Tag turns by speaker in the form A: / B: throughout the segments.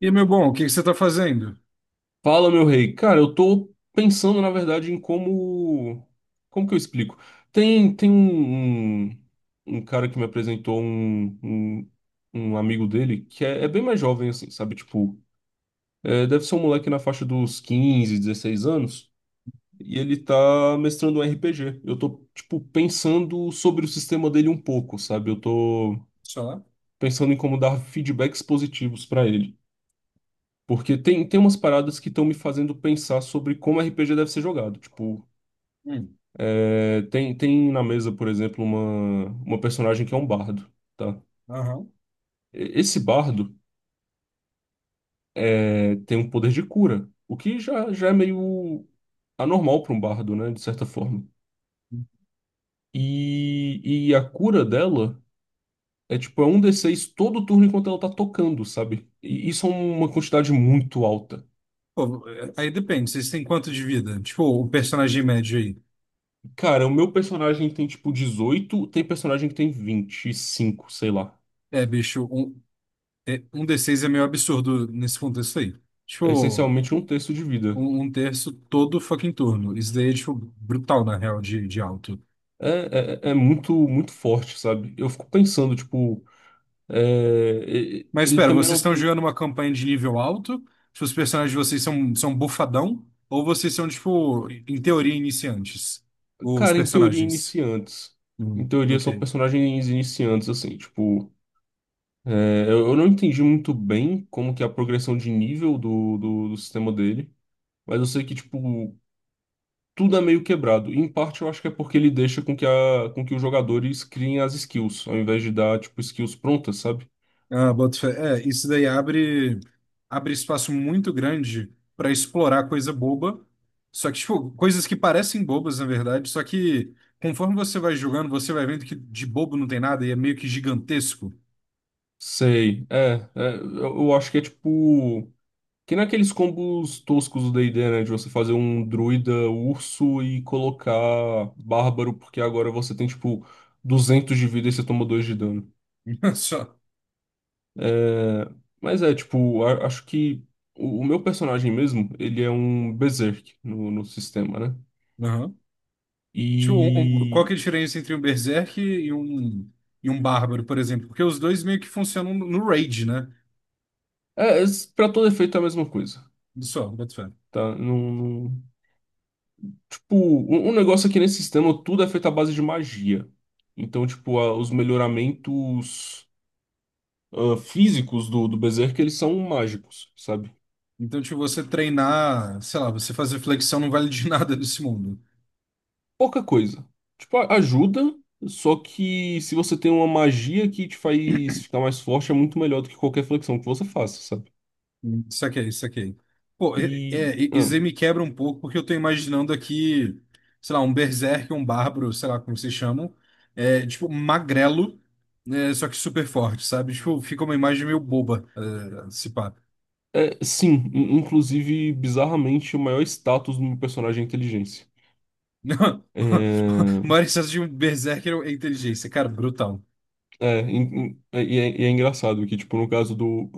A: E, meu bom, o que que você está fazendo?
B: Fala, meu rei. Cara, eu tô pensando, na verdade, em Como que eu explico? Tem um cara que me apresentou um amigo dele que é bem mais jovem, assim, sabe? Tipo, deve ser um moleque na faixa dos 15, 16 anos, e ele tá mestrando um RPG. Eu tô, tipo, pensando sobre o sistema dele um pouco, sabe? Eu tô
A: Só?
B: pensando em como dar feedbacks positivos pra ele. Porque tem umas paradas que estão me fazendo pensar sobre como RPG deve ser jogado. Tipo,
A: Hum,
B: tem na mesa, por exemplo, uma personagem que é um bardo, tá?
A: aham.
B: Esse bardo é, tem um poder de cura, o que já é meio anormal para um bardo, né? De certa forma. E, e a cura dela é tipo, é um d seis todo turno enquanto ela tá tocando, sabe? E isso é uma quantidade muito alta.
A: Pô, é, aí depende, vocês têm quanto de vida? Tipo, o personagem médio aí.
B: Cara, o meu personagem tem tipo 18, tem personagem que tem 25, sei lá.
A: É, bicho, um D6 é meio absurdo nesse contexto aí.
B: É
A: Tipo,
B: essencialmente um terço de vida.
A: um terço todo fucking turno. Isso daí é, tipo, brutal, na real, de alto.
B: É muito, muito forte, sabe? Eu fico pensando, tipo,
A: Mas
B: ele
A: espera,
B: também
A: vocês
B: não
A: estão
B: tem.
A: jogando uma campanha de nível alto? Tipo, os personagens de vocês são, são bufadão? Ou vocês são, tipo, em teoria, iniciantes? Os
B: Cara, em teoria,
A: personagens.
B: iniciantes. Em teoria, são
A: Ok.
B: personagens iniciantes, assim, tipo. Eu não entendi muito bem como que é a progressão de nível do sistema dele. Mas eu sei que tudo é meio quebrado. E, em parte eu acho que é porque ele deixa com que, a, com que os jogadores criem as skills, ao invés de dar, tipo, skills prontas, sabe?
A: Ah, boto fé. É, isso daí abre espaço muito grande para explorar coisa boba. Só que, tipo, coisas que parecem bobas, na verdade. Só que conforme você vai jogando, você vai vendo que de bobo não tem nada e é meio que gigantesco.
B: Sei, eu acho que é tipo. Que nem aqueles combos toscos do D&D, né? De você fazer um druida urso e colocar bárbaro, porque agora você tem, tipo, 200 de vida e você toma 2 de dano.
A: Só.
B: É, mas é, tipo, acho que o meu personagem mesmo, ele é um berserk no sistema, né?
A: Aham. Tipo, qual
B: E
A: que é a diferença entre um Berserk e um Bárbaro, por exemplo? Porque os dois meio que funcionam no raid, né?
B: é, pra todo efeito é a mesma coisa,
A: Só, boto fé.
B: tá? Tipo, um negócio aqui nesse sistema, tudo é feito à base de magia. Então, tipo, os melhoramentos físicos do Berserk, eles são mágicos, sabe?
A: Então, tipo, você
B: E
A: treinar, sei lá, você fazer flexão não vale de nada nesse mundo.
B: pouca coisa. Tipo, ajuda, só que se você tem uma magia que te faz ficar mais forte, é muito melhor do que qualquer flexão que você faça, sabe?
A: Hum. Saquei, saquei. Pô,
B: E...
A: isso aí
B: ah,
A: me quebra um pouco, porque eu tô imaginando aqui, sei lá, um berserk, um bárbaro, sei lá como vocês chamam, é, tipo, magrelo, né, só que super forte, sabe? Tipo, fica uma imagem meio boba, é, se pá.
B: é, sim, inclusive, bizarramente, o maior status do meu personagem é inteligência.
A: Não,
B: É,
A: O maior excesso de um berserker é inteligência, cara, brutal.
B: E é engraçado que, tipo, no caso do.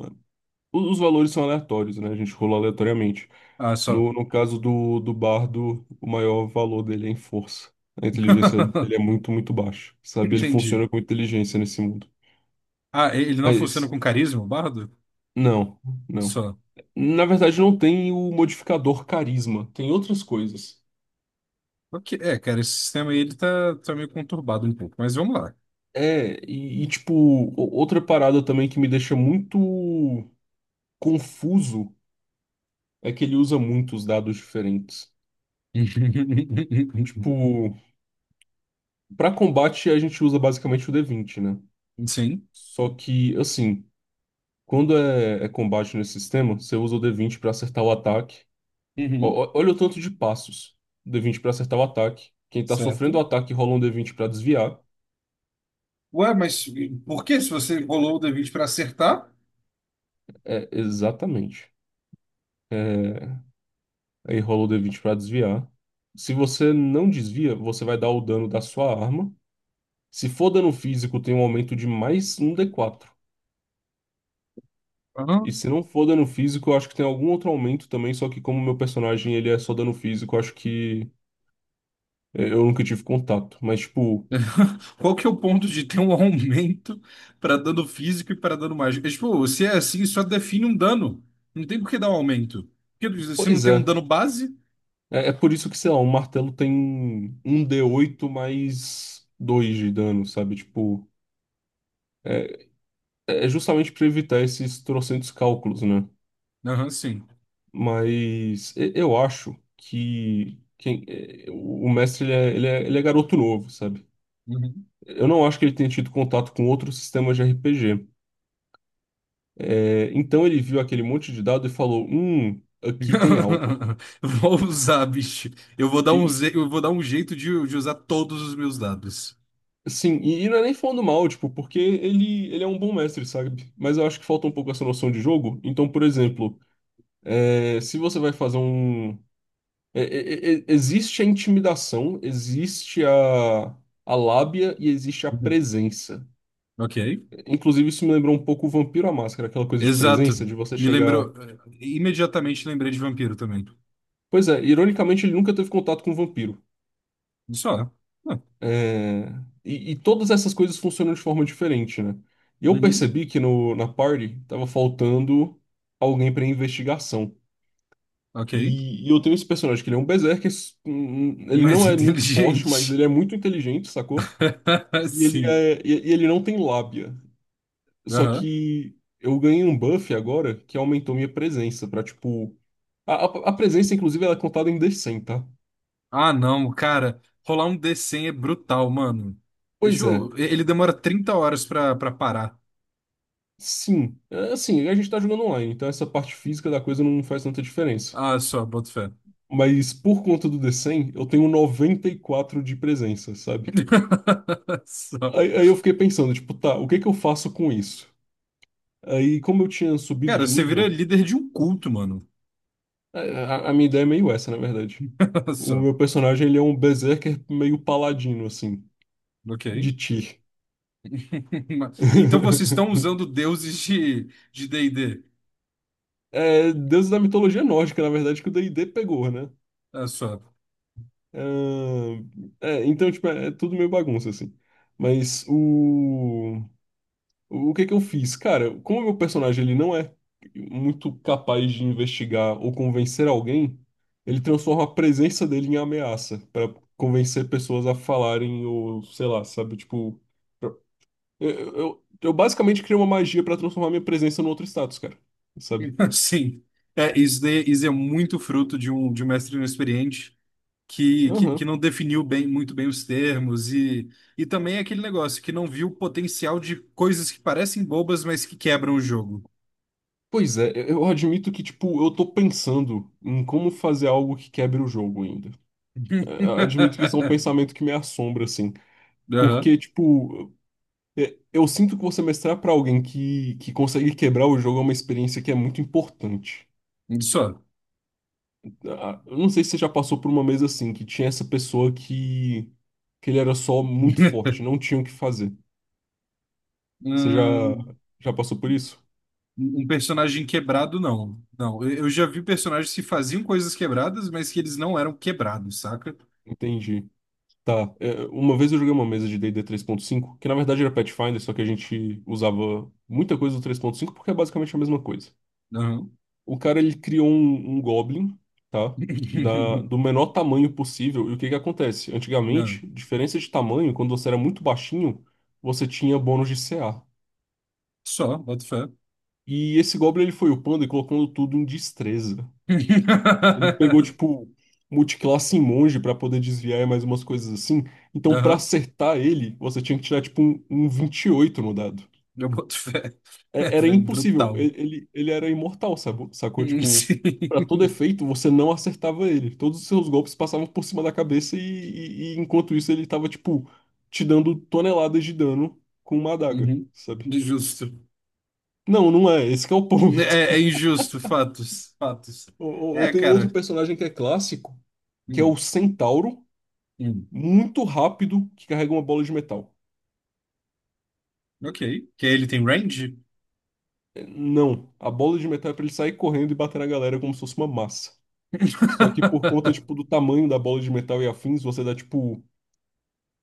B: Os valores são aleatórios, né? A gente rolou aleatoriamente.
A: Ah, só.
B: No caso do bardo, o maior valor dele é em força. A inteligência dele é muito, muito baixa, sabe? Ele
A: Entendi.
B: funciona com inteligência nesse mundo.
A: Ah, ele não funciona
B: Mas,
A: com carisma, o bardo?
B: não, não.
A: Só.
B: Na verdade, não tem o modificador carisma, tem outras coisas.
A: Ok, é, cara, esse sistema aí, ele tá meio conturbado um pouco, mas vamos lá.
B: É, tipo, outra parada também que me deixa muito confuso é que ele usa muitos dados diferentes. Tipo, pra combate a gente usa basicamente o D20, né?
A: Sim.
B: Só que, assim, quando é combate nesse sistema, você usa o D20 pra acertar o ataque. Ó,
A: Uhum.
B: ó, olha o tanto de passos. D20 pra acertar o ataque. Quem tá sofrendo o
A: Certo.
B: ataque rola um D20 pra desviar.
A: Ué, mas por que se você rolou o D20 para acertar?
B: É, exatamente. É, aí rola o D20 pra desviar. Se você não desvia, você vai dar o dano da sua arma. Se for dano físico, tem um aumento de mais um D4.
A: Ah,
B: E se não for dano físico, eu acho que tem algum outro aumento também, só que como meu personagem ele é só dano físico, eu acho que eu nunca tive contato. Mas, tipo,
A: Qual que é o ponto de ter um aumento para dano físico e para dano mágico? É, tipo, se é assim, só define um dano. Não tem por que dar um aumento. Porque se não
B: pois
A: tem um
B: é.
A: dano base.
B: É, é por isso que, sei lá, o martelo tem um d oito mais 2 de dano, sabe? Tipo, é, é justamente pra evitar esses trocentos cálculos, né?
A: Aham, sim.
B: Mas eu acho que quem, é, o mestre ele é garoto novo, sabe?
A: Uhum.
B: Eu não acho que ele tenha tido contato com outros sistemas de RPG. É, então ele viu aquele monte de dado e falou: aqui tem algo.
A: Vou usar, bicho. Eu vou dar
B: E,
A: eu vou dar um jeito de usar todos os meus dados.
B: e não é nem falando mal, tipo, porque ele é um bom mestre, sabe? Mas eu acho que falta um pouco essa noção de jogo. Então, por exemplo, é, se você vai fazer um. Existe a intimidação, existe a lábia e existe a presença.
A: Ok.
B: Inclusive, isso me lembrou um pouco o Vampiro à Máscara, aquela coisa de presença,
A: Exato.
B: de você
A: Me
B: chegar.
A: lembrou. Imediatamente lembrei de vampiro também.
B: Pois é, ironicamente, ele nunca teve contato com o vampiro.
A: Só. Ah,
B: É, e todas essas coisas funcionam de forma diferente, né? E eu
A: uhum.
B: percebi que no, na party tava faltando alguém pra investigação.
A: Ok.
B: E eu tenho esse personagem que ele é um berserker, ele
A: Mais
B: não é muito forte, mas
A: inteligente.
B: ele é muito inteligente, sacou? E ele,
A: Sim.
B: e ele não tem lábia. Só
A: Aham.
B: que eu ganhei um buff agora que aumentou minha presença pra, tipo... a presença, inclusive, ela é contada em D100, tá?
A: Ah, não, cara. Rolar um D100 é brutal, mano. Deixa
B: Pois é.
A: eu... Ele demora 30 horas pra parar.
B: Sim, é, assim, a gente tá jogando online, então essa parte física da coisa não faz tanta diferença.
A: Ah, só, boto fé.
B: Mas por conta do D100, eu tenho 94 de presença, sabe?
A: Só.
B: Aí eu fiquei pensando, tipo, tá, o que que eu faço com isso? Aí, como eu tinha subido
A: Cara,
B: de
A: você vira
B: nível,
A: líder de um culto, mano.
B: a minha ideia é meio essa, na verdade. O
A: Só.
B: meu personagem, ele é um berserker meio paladino, assim,
A: Ok.
B: de Tyr.
A: Então vocês estão usando deuses de D&D.
B: É, deus da mitologia nórdica, na verdade, que o D&D pegou, né.
A: Olha só.
B: Ah, é, então, tipo, é, é tudo meio bagunça, assim. Mas o que que eu fiz? Cara, como o meu personagem ele não é muito capaz de investigar ou convencer alguém, ele transforma a presença dele em ameaça pra convencer pessoas a falarem ou, sei lá, sabe? Tipo, pra- eu, eu basicamente criei uma magia pra transformar minha presença num outro status, cara. Sabe?
A: Sim, é, isso, isso é muito fruto de um mestre inexperiente que
B: Aham.
A: não definiu bem, muito bem os termos e também é aquele negócio que não viu o potencial de coisas que parecem bobas, mas que quebram o jogo.
B: Pois é, eu admito que, tipo, eu tô pensando em como fazer algo que quebre o jogo ainda. É, eu admito que isso é um pensamento que me assombra, assim.
A: Aham,
B: Porque, tipo, é, eu sinto que você mestrar pra alguém que consegue quebrar o jogo é uma experiência que é muito importante.
A: Só.
B: Ah, eu não sei se você já passou por uma mesa assim, que tinha essa pessoa que ele era só muito forte, não tinha o que fazer. Você
A: Hum,
B: já passou por isso?
A: Um personagem quebrado, não. Não, eu já vi personagens que faziam coisas quebradas, mas que eles não eram quebrados, saca?
B: Entendi. Tá. É, uma vez eu joguei uma mesa de D&D 3.5, que na verdade era Pathfinder, só que a gente usava muita coisa do 3.5 porque é basicamente a mesma coisa.
A: Aham.
B: O cara ele criou um Goblin, tá? Do menor tamanho possível. E o que que acontece? Antigamente,
A: Não.
B: diferença de tamanho, quando você era muito baixinho, você tinha bônus de CA.
A: Só, boto fé.
B: E esse Goblin ele foi upando e colocando tudo em destreza. Ele pegou, tipo, multiclasse em monge pra poder desviar e mais umas coisas assim. Então, pra
A: Aham,
B: acertar ele, você tinha que tirar, tipo, um 28 no dado.
A: eu boto fé. É,
B: Era
A: velho,
B: impossível.
A: brutal.
B: Ele era imortal, sabe? Sacou? Tipo, pra todo
A: Sim.
B: efeito, você não acertava ele. Todos os seus golpes passavam por cima da cabeça e enquanto isso ele tava, tipo, te dando toneladas de dano com uma adaga,
A: Uhum.
B: sabe?
A: Justo.
B: Não, não é. Esse que é o ponto.
A: É, é injusto, fatos, fatos.
B: Eu
A: É,
B: tenho outro
A: cara.
B: personagem que é clássico, que é o
A: Hum,
B: Centauro,
A: hum.
B: muito rápido, que carrega uma bola de metal.
A: Ok. Que ele tem range?
B: É, não, a bola de metal é pra ele sair correndo e bater na galera como se fosse uma massa. Só que por conta, tipo, do tamanho da bola de metal e afins, você dá, tipo,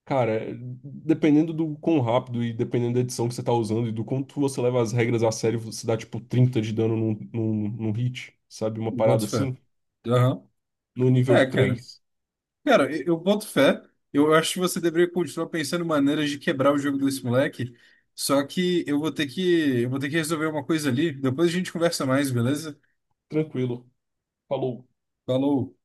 B: cara, dependendo do quão rápido e dependendo da edição que você tá usando e do quanto você leva as regras a sério, você dá, tipo, 30 de dano num hit, sabe? Uma
A: Eu
B: parada
A: boto fé.
B: assim,
A: Aham.
B: no nível
A: É, cara.
B: três.
A: Cara, eu boto fé. Eu acho que você deveria continuar pensando em maneiras de quebrar o jogo desse moleque. Só que eu vou ter que resolver uma coisa ali. Depois a gente conversa mais, beleza?
B: Tranquilo. Falou.
A: Falou.